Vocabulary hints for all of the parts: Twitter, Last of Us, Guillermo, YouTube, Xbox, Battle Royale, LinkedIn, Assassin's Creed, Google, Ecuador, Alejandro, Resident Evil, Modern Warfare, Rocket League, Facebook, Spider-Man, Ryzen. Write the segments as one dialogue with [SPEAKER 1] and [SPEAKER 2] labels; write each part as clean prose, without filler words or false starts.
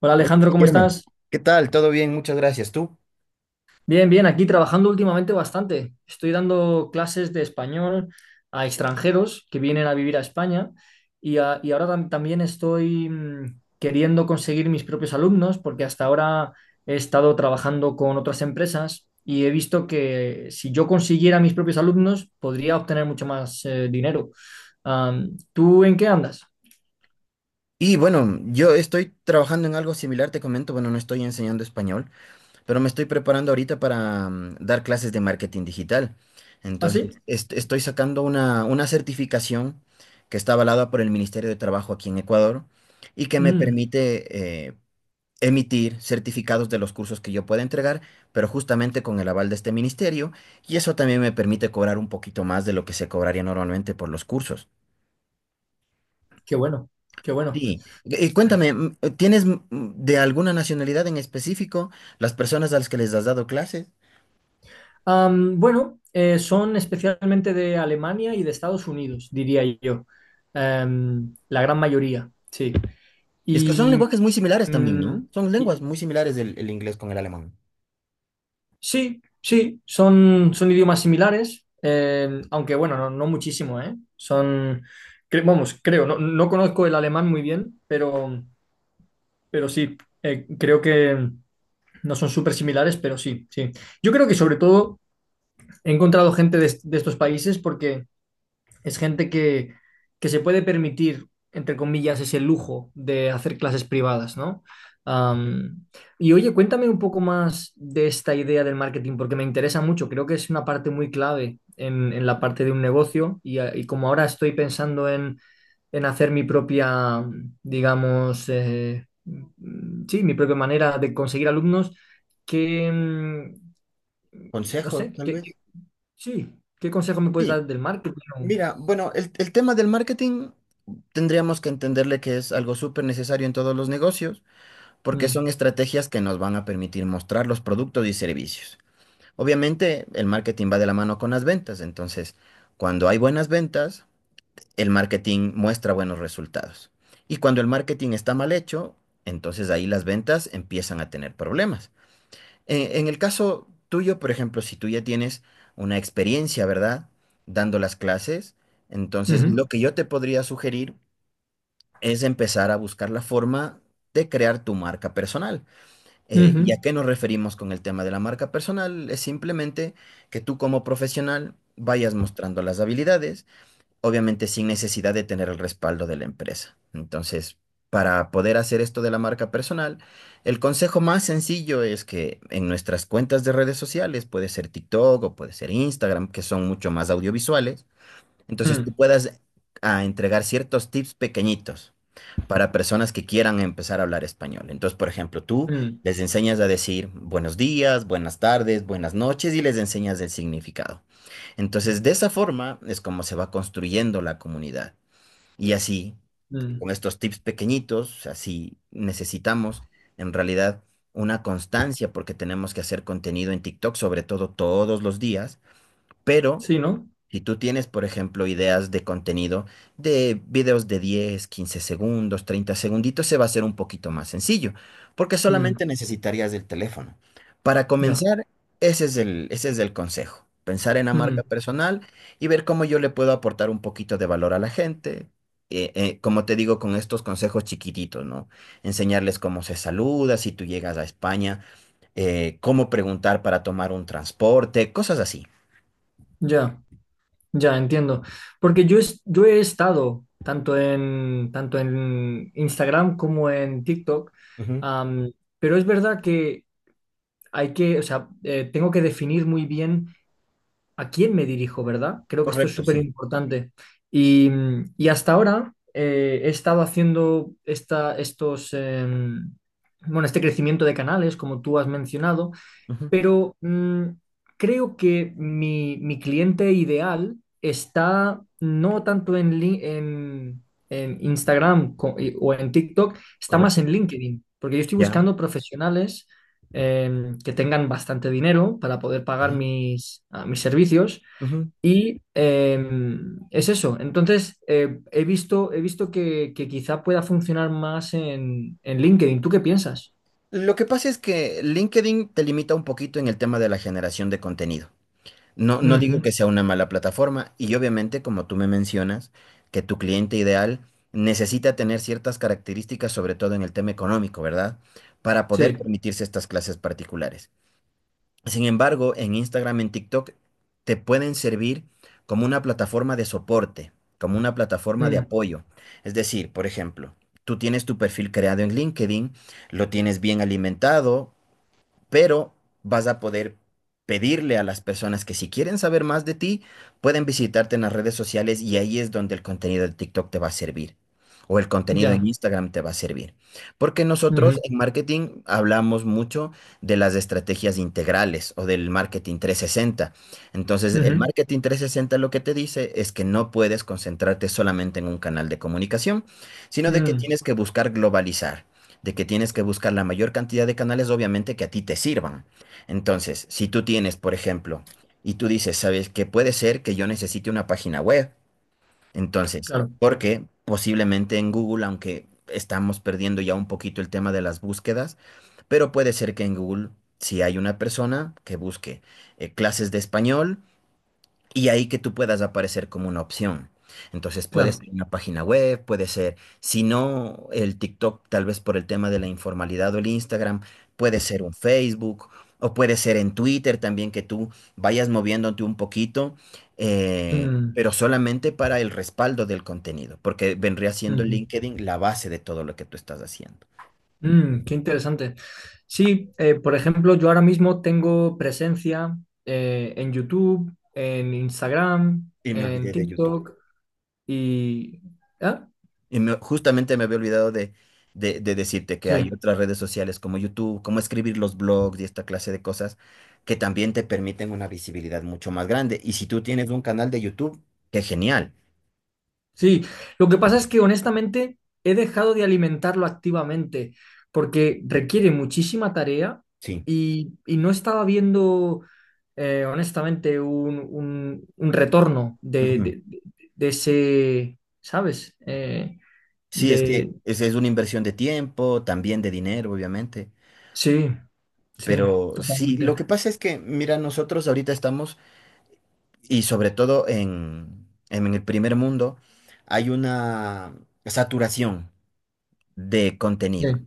[SPEAKER 1] Hola
[SPEAKER 2] Hola,
[SPEAKER 1] Alejandro, ¿cómo
[SPEAKER 2] Guillermo,
[SPEAKER 1] estás?
[SPEAKER 2] ¿qué tal? ¿Todo bien? Muchas gracias. ¿Tú?
[SPEAKER 1] Bien, bien, aquí trabajando últimamente bastante. Estoy dando clases de español a extranjeros que vienen a vivir a España y ahora también estoy queriendo conseguir mis propios alumnos porque hasta ahora he estado trabajando con otras empresas y he visto que si yo consiguiera mis propios alumnos podría obtener mucho más dinero. ¿Tú en qué andas?
[SPEAKER 2] Y bueno, yo estoy trabajando en algo similar, te comento, bueno, no estoy enseñando español, pero me estoy preparando ahorita para dar clases de marketing digital.
[SPEAKER 1] ¿Ah, sí?
[SPEAKER 2] Entonces, estoy sacando una certificación que está avalada por el Ministerio de Trabajo aquí en Ecuador y que me
[SPEAKER 1] Mm,
[SPEAKER 2] permite emitir certificados de los cursos que yo pueda entregar, pero justamente con el aval de este ministerio, y eso también me permite cobrar un poquito más de lo que se cobraría normalmente por los cursos.
[SPEAKER 1] Qué bueno, qué bueno.
[SPEAKER 2] Sí. Cuéntame, ¿tienes de alguna nacionalidad en específico las personas a las que les has dado clases?
[SPEAKER 1] Bueno, son especialmente de Alemania y de Estados Unidos, diría yo. La gran mayoría, sí.
[SPEAKER 2] Es que son
[SPEAKER 1] Y,
[SPEAKER 2] lenguajes muy similares también,
[SPEAKER 1] mm,
[SPEAKER 2] ¿no? Son
[SPEAKER 1] y-
[SPEAKER 2] lenguas muy similares el inglés con el alemán.
[SPEAKER 1] sí, sí, son idiomas similares, aunque bueno, no, no muchísimo, ¿eh? Son, vamos, creo, no, no conozco el alemán muy bien, pero, pero sí, creo que no son súper similares, pero sí, sí. Yo creo que sobre todo he encontrado gente de estos países porque es gente que, se puede permitir, entre comillas, ese lujo de hacer clases privadas, ¿no? Am, y oye, cuéntame un poco más de esta idea del marketing, porque me interesa mucho. Creo que es una parte muy clave en la parte de un negocio y como ahora estoy pensando en, hacer mi propia, digamos, sí, mi propia manera de conseguir alumnos, que, mm, no
[SPEAKER 2] Consejos,
[SPEAKER 1] sé,
[SPEAKER 2] tal vez.
[SPEAKER 1] sí, ¿qué consejo me puedes
[SPEAKER 2] Sí,
[SPEAKER 1] dar del marketing?
[SPEAKER 2] mira, bueno, el tema del marketing tendríamos que entenderle que es algo súper necesario en todos los negocios, porque
[SPEAKER 1] Mm.
[SPEAKER 2] son estrategias que nos van a permitir mostrar los productos y servicios. Obviamente, el marketing va de la mano con las ventas, entonces, cuando hay buenas ventas, el marketing muestra buenos resultados. Y cuando el marketing está mal hecho, entonces ahí las ventas empiezan a tener problemas. En el caso tuyo, por ejemplo, si tú ya tienes una experiencia, ¿verdad? Dando las clases, entonces
[SPEAKER 1] Ujú,
[SPEAKER 2] lo que yo te podría sugerir es empezar a buscar la forma de crear tu marca personal.
[SPEAKER 1] ujú,
[SPEAKER 2] ¿Y a qué nos referimos con el tema de la marca personal? Es simplemente que tú como profesional vayas mostrando las habilidades obviamente sin necesidad de tener el respaldo de la empresa. Entonces, para poder hacer esto de la marca personal, el consejo más sencillo es que en nuestras cuentas de redes sociales, puede ser TikTok o puede ser Instagram, que son mucho más audiovisuales, entonces tú
[SPEAKER 1] mm,
[SPEAKER 2] puedas entregar ciertos tips pequeñitos para personas que quieran empezar a hablar español. Entonces, por ejemplo, tú
[SPEAKER 1] mm,
[SPEAKER 2] les enseñas a decir buenos días, buenas tardes, buenas noches y les enseñas el significado. Entonces, de esa forma es como se va construyendo la comunidad. Y así,
[SPEAKER 1] mm.
[SPEAKER 2] con estos tips pequeñitos, así necesitamos en realidad una constancia porque tenemos que hacer contenido en TikTok, sobre todo todos los días, pero
[SPEAKER 1] Sí, ¿no?
[SPEAKER 2] si tú tienes, por ejemplo, ideas de contenido de videos de 10, 15 segundos, 30 segunditos, se va a hacer un poquito más sencillo, porque
[SPEAKER 1] Mm,
[SPEAKER 2] solamente necesitarías del teléfono. Para
[SPEAKER 1] ya,
[SPEAKER 2] comenzar, ese es el consejo. Pensar en la marca
[SPEAKER 1] mm,
[SPEAKER 2] personal y ver cómo yo le puedo aportar un poquito de valor a la gente. Como te digo, con estos consejos chiquititos, ¿no? Enseñarles cómo se saluda, si tú llegas a España, cómo preguntar para tomar un transporte, cosas así.
[SPEAKER 1] ya, ya, entiendo. Porque yo he estado tanto en Instagram como en TikTok,
[SPEAKER 2] Ujú.
[SPEAKER 1] am, pero es verdad que hay que, o sea, tengo que definir muy bien. ¿A quién me dirijo, verdad? Creo que esto es
[SPEAKER 2] Correcto,
[SPEAKER 1] súper
[SPEAKER 2] sí.
[SPEAKER 1] importante. Y hasta ahora he estado haciendo estos, bueno, este crecimiento de canales, como tú has mencionado,
[SPEAKER 2] Ujú.
[SPEAKER 1] pero creo que mi cliente ideal está no tanto en Instagram, o en TikTok, está más
[SPEAKER 2] Correcto.
[SPEAKER 1] en LinkedIn, porque yo estoy
[SPEAKER 2] Ya.
[SPEAKER 1] buscando profesionales que tengan bastante dinero para poder pagar
[SPEAKER 2] Ajá.
[SPEAKER 1] mis servicios.
[SPEAKER 2] Ujú.
[SPEAKER 1] Y es eso. Entonces, he visto que quizá pueda funcionar más en LinkedIn. ¿Tú qué piensas?
[SPEAKER 2] Lo que pasa es que LinkedIn te limita un poquito en el tema de la generación de contenido. No, no digo
[SPEAKER 1] Ujú,
[SPEAKER 2] que sea una mala plataforma y obviamente, como tú me mencionas, que tu cliente ideal necesita tener ciertas características, sobre todo en el tema económico, ¿verdad? Para poder
[SPEAKER 1] sí.
[SPEAKER 2] permitirse estas clases particulares. Sin embargo, en Instagram, en TikTok, te pueden servir como una plataforma de soporte, como una plataforma de
[SPEAKER 1] Mm,
[SPEAKER 2] apoyo. Es decir, por ejemplo, tú tienes tu perfil creado en LinkedIn, lo tienes bien alimentado, pero vas a poder pedirle a las personas que si quieren saber más de ti, pueden visitarte en las redes sociales y ahí es donde el contenido de TikTok te va a servir. O el contenido en
[SPEAKER 1] ya.
[SPEAKER 2] Instagram te va a servir. Porque
[SPEAKER 1] Ujú.
[SPEAKER 2] nosotros en marketing hablamos mucho de las estrategias integrales o del marketing 360. Entonces, el
[SPEAKER 1] Ujú,
[SPEAKER 2] marketing 360 lo que te dice es que no puedes concentrarte solamente en un canal de comunicación, sino de que
[SPEAKER 1] mm,
[SPEAKER 2] tienes que buscar globalizar de que tienes que buscar la mayor cantidad de canales, obviamente, que a ti te sirvan. Entonces, si tú tienes, por ejemplo, y tú dices, ¿sabes que puede ser que yo necesite una página web? Entonces,
[SPEAKER 1] claro,
[SPEAKER 2] porque posiblemente en Google, aunque estamos perdiendo ya un poquito el tema de las búsquedas, pero puede ser que en Google, si hay una persona que busque clases de español, y ahí que tú puedas aparecer como una opción. Entonces puede
[SPEAKER 1] claro.
[SPEAKER 2] ser una página web, puede ser, si no el TikTok, tal vez por el tema de la informalidad o el Instagram, puede ser un Facebook o puede ser en Twitter también que tú vayas moviéndote un poquito,
[SPEAKER 1] Mm,
[SPEAKER 2] pero solamente para el respaldo del contenido, porque vendría siendo
[SPEAKER 1] ujú,
[SPEAKER 2] LinkedIn la base de todo lo que tú estás haciendo.
[SPEAKER 1] qué interesante. Sí, por ejemplo, yo ahora mismo tengo presencia en YouTube, en Instagram,
[SPEAKER 2] Y me
[SPEAKER 1] en
[SPEAKER 2] olvidé de YouTube.
[SPEAKER 1] TikTok y... ¿Ah?
[SPEAKER 2] Justamente me había olvidado de decirte que hay
[SPEAKER 1] Sí.
[SPEAKER 2] otras redes sociales como YouTube, como escribir los blogs y esta clase de cosas que también te permiten una visibilidad mucho más grande. Y si tú tienes un canal de YouTube, qué genial.
[SPEAKER 1] Sí, lo que pasa es que honestamente he dejado de alimentarlo activamente porque requiere muchísima tarea
[SPEAKER 2] Sí.
[SPEAKER 1] y no estaba viendo honestamente un retorno de,
[SPEAKER 2] Ujú.
[SPEAKER 1] de- de- de ese, ¿sabes?
[SPEAKER 2] Sí, es que
[SPEAKER 1] De...
[SPEAKER 2] es una inversión de tiempo, también de dinero, obviamente.
[SPEAKER 1] Sí, sí,
[SPEAKER 2] Pero sí, lo
[SPEAKER 1] totalmente.
[SPEAKER 2] que pasa es que, mira, nosotros ahorita estamos, y sobre todo en el primer mundo, hay una saturación de
[SPEAKER 1] Sí,
[SPEAKER 2] contenido.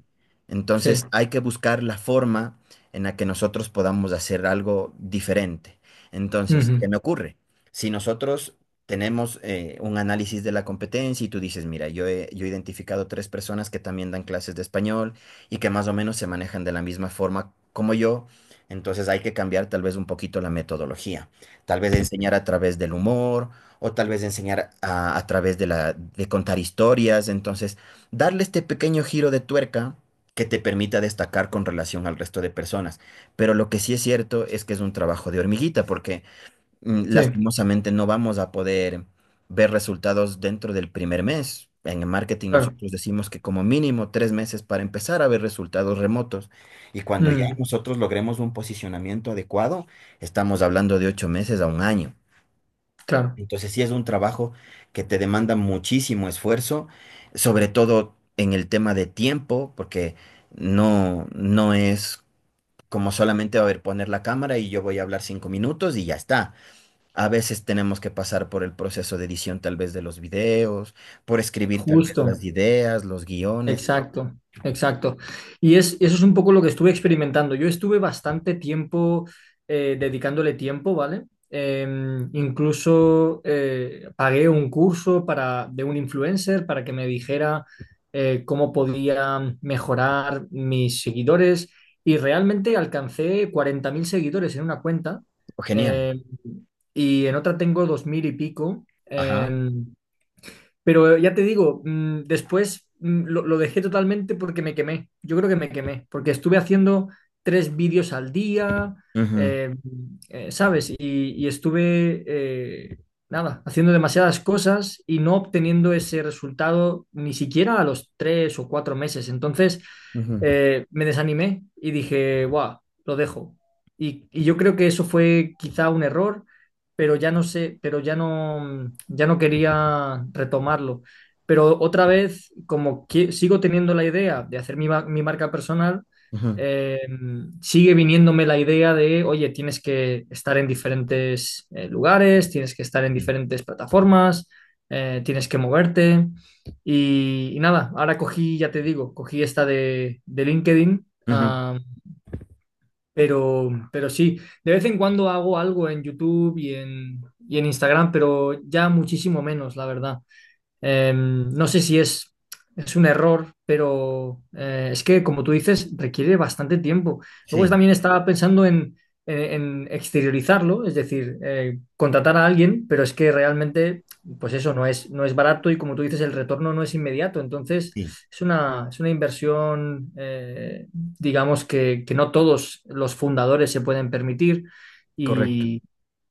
[SPEAKER 1] sí,
[SPEAKER 2] Entonces hay que buscar la forma en la que nosotros podamos hacer algo diferente. Entonces, ¿qué
[SPEAKER 1] ujú,
[SPEAKER 2] me ocurre? Si nosotros tenemos un análisis de la competencia y tú dices, mira, yo he identificado tres personas que también dan clases de español y que más o menos se manejan de la misma forma como yo, entonces hay que cambiar tal vez un poquito la metodología. Tal vez enseñar a través del humor o tal vez enseñar a través de contar historias. Entonces, darle este pequeño giro de tuerca que te permita destacar con relación al resto de personas. Pero lo que sí es cierto es que es un trabajo de hormiguita, porque
[SPEAKER 1] sí,
[SPEAKER 2] lastimosamente no vamos a poder ver resultados dentro del primer mes. En el marketing
[SPEAKER 1] claro,
[SPEAKER 2] nosotros decimos que como mínimo 3 meses para empezar a ver resultados remotos. Y cuando ya
[SPEAKER 1] mm,
[SPEAKER 2] nosotros logremos un posicionamiento adecuado, estamos hablando de 8 meses a un año.
[SPEAKER 1] claro,
[SPEAKER 2] Entonces sí es un trabajo que te demanda muchísimo esfuerzo, sobre todo en el tema de tiempo, porque no, no es como solamente a ver, poner la cámara y yo voy a hablar 5 minutos y ya está. A veces tenemos que pasar por el proceso de edición tal vez de los videos, por escribir tal vez
[SPEAKER 1] justo.
[SPEAKER 2] las ideas, los guiones.
[SPEAKER 1] Exacto, exacto. Y eso es un poco lo que estuve experimentando. Yo estuve bastante tiempo dedicándole tiempo, ¿vale? Eh, Incluso pagué un curso de un influencer para que me dijera cómo podía mejorar mis seguidores y realmente alcancé 40.000 seguidores en una cuenta,
[SPEAKER 2] Genial.
[SPEAKER 1] eh, y en otra tengo 2.000 y pico.
[SPEAKER 2] Ajá.
[SPEAKER 1] Pero ya te digo, después lo dejé totalmente porque me quemé. Yo creo que me quemé, porque estuve haciendo tres vídeos al día,
[SPEAKER 2] Ujú,
[SPEAKER 1] eh, ¿sabes? Y estuve, nada, haciendo demasiadas cosas y no obteniendo ese resultado ni siquiera a los 3 o 4 meses. Entonces,
[SPEAKER 2] ujú,
[SPEAKER 1] me desanimé y dije, guau, lo dejo. Y yo creo que eso fue quizá un error, pero ya no sé, pero ya no quería retomarlo. Pero otra vez, como que sigo teniendo la idea de hacer mi marca personal,
[SPEAKER 2] ujú.
[SPEAKER 1] eh, sigue viniéndome la idea de, oye, tienes que estar en diferentes lugares, tienes que estar en
[SPEAKER 2] Sí,
[SPEAKER 1] diferentes plataformas, tienes que moverte. Y nada, ahora cogí, ya te digo, cogí esta de LinkedIn,
[SPEAKER 2] ujú.
[SPEAKER 1] pero, de vez en cuando hago algo en YouTube y en, Instagram, pero ya muchísimo menos, la verdad. No sé si es un error, pero es que, como tú dices, requiere bastante tiempo. Luego
[SPEAKER 2] Sí,
[SPEAKER 1] también estaba pensando en exteriorizarlo, es decir, contratar a alguien, pero es que realmente, pues eso no es barato y, como tú dices, el retorno no es inmediato. Entonces,
[SPEAKER 2] sí,
[SPEAKER 1] es una inversión, digamos, que no todos los fundadores se pueden permitir
[SPEAKER 2] correcto.
[SPEAKER 1] y,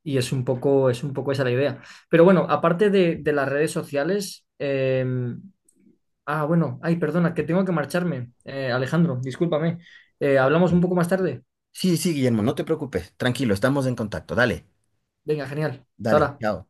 [SPEAKER 1] y es un poco esa la idea. Pero bueno, aparte de las redes sociales, bueno, ay, perdona, que tengo que marcharme. Alejandro, discúlpame. Hablamos
[SPEAKER 2] Tranquilo.
[SPEAKER 1] un poco más tarde.
[SPEAKER 2] Sí, sí, Guillermo, no te preocupes. Tranquilo, estamos en contacto. Dale.
[SPEAKER 1] Venga, genial. Hasta
[SPEAKER 2] Dale,
[SPEAKER 1] ahora.
[SPEAKER 2] chao.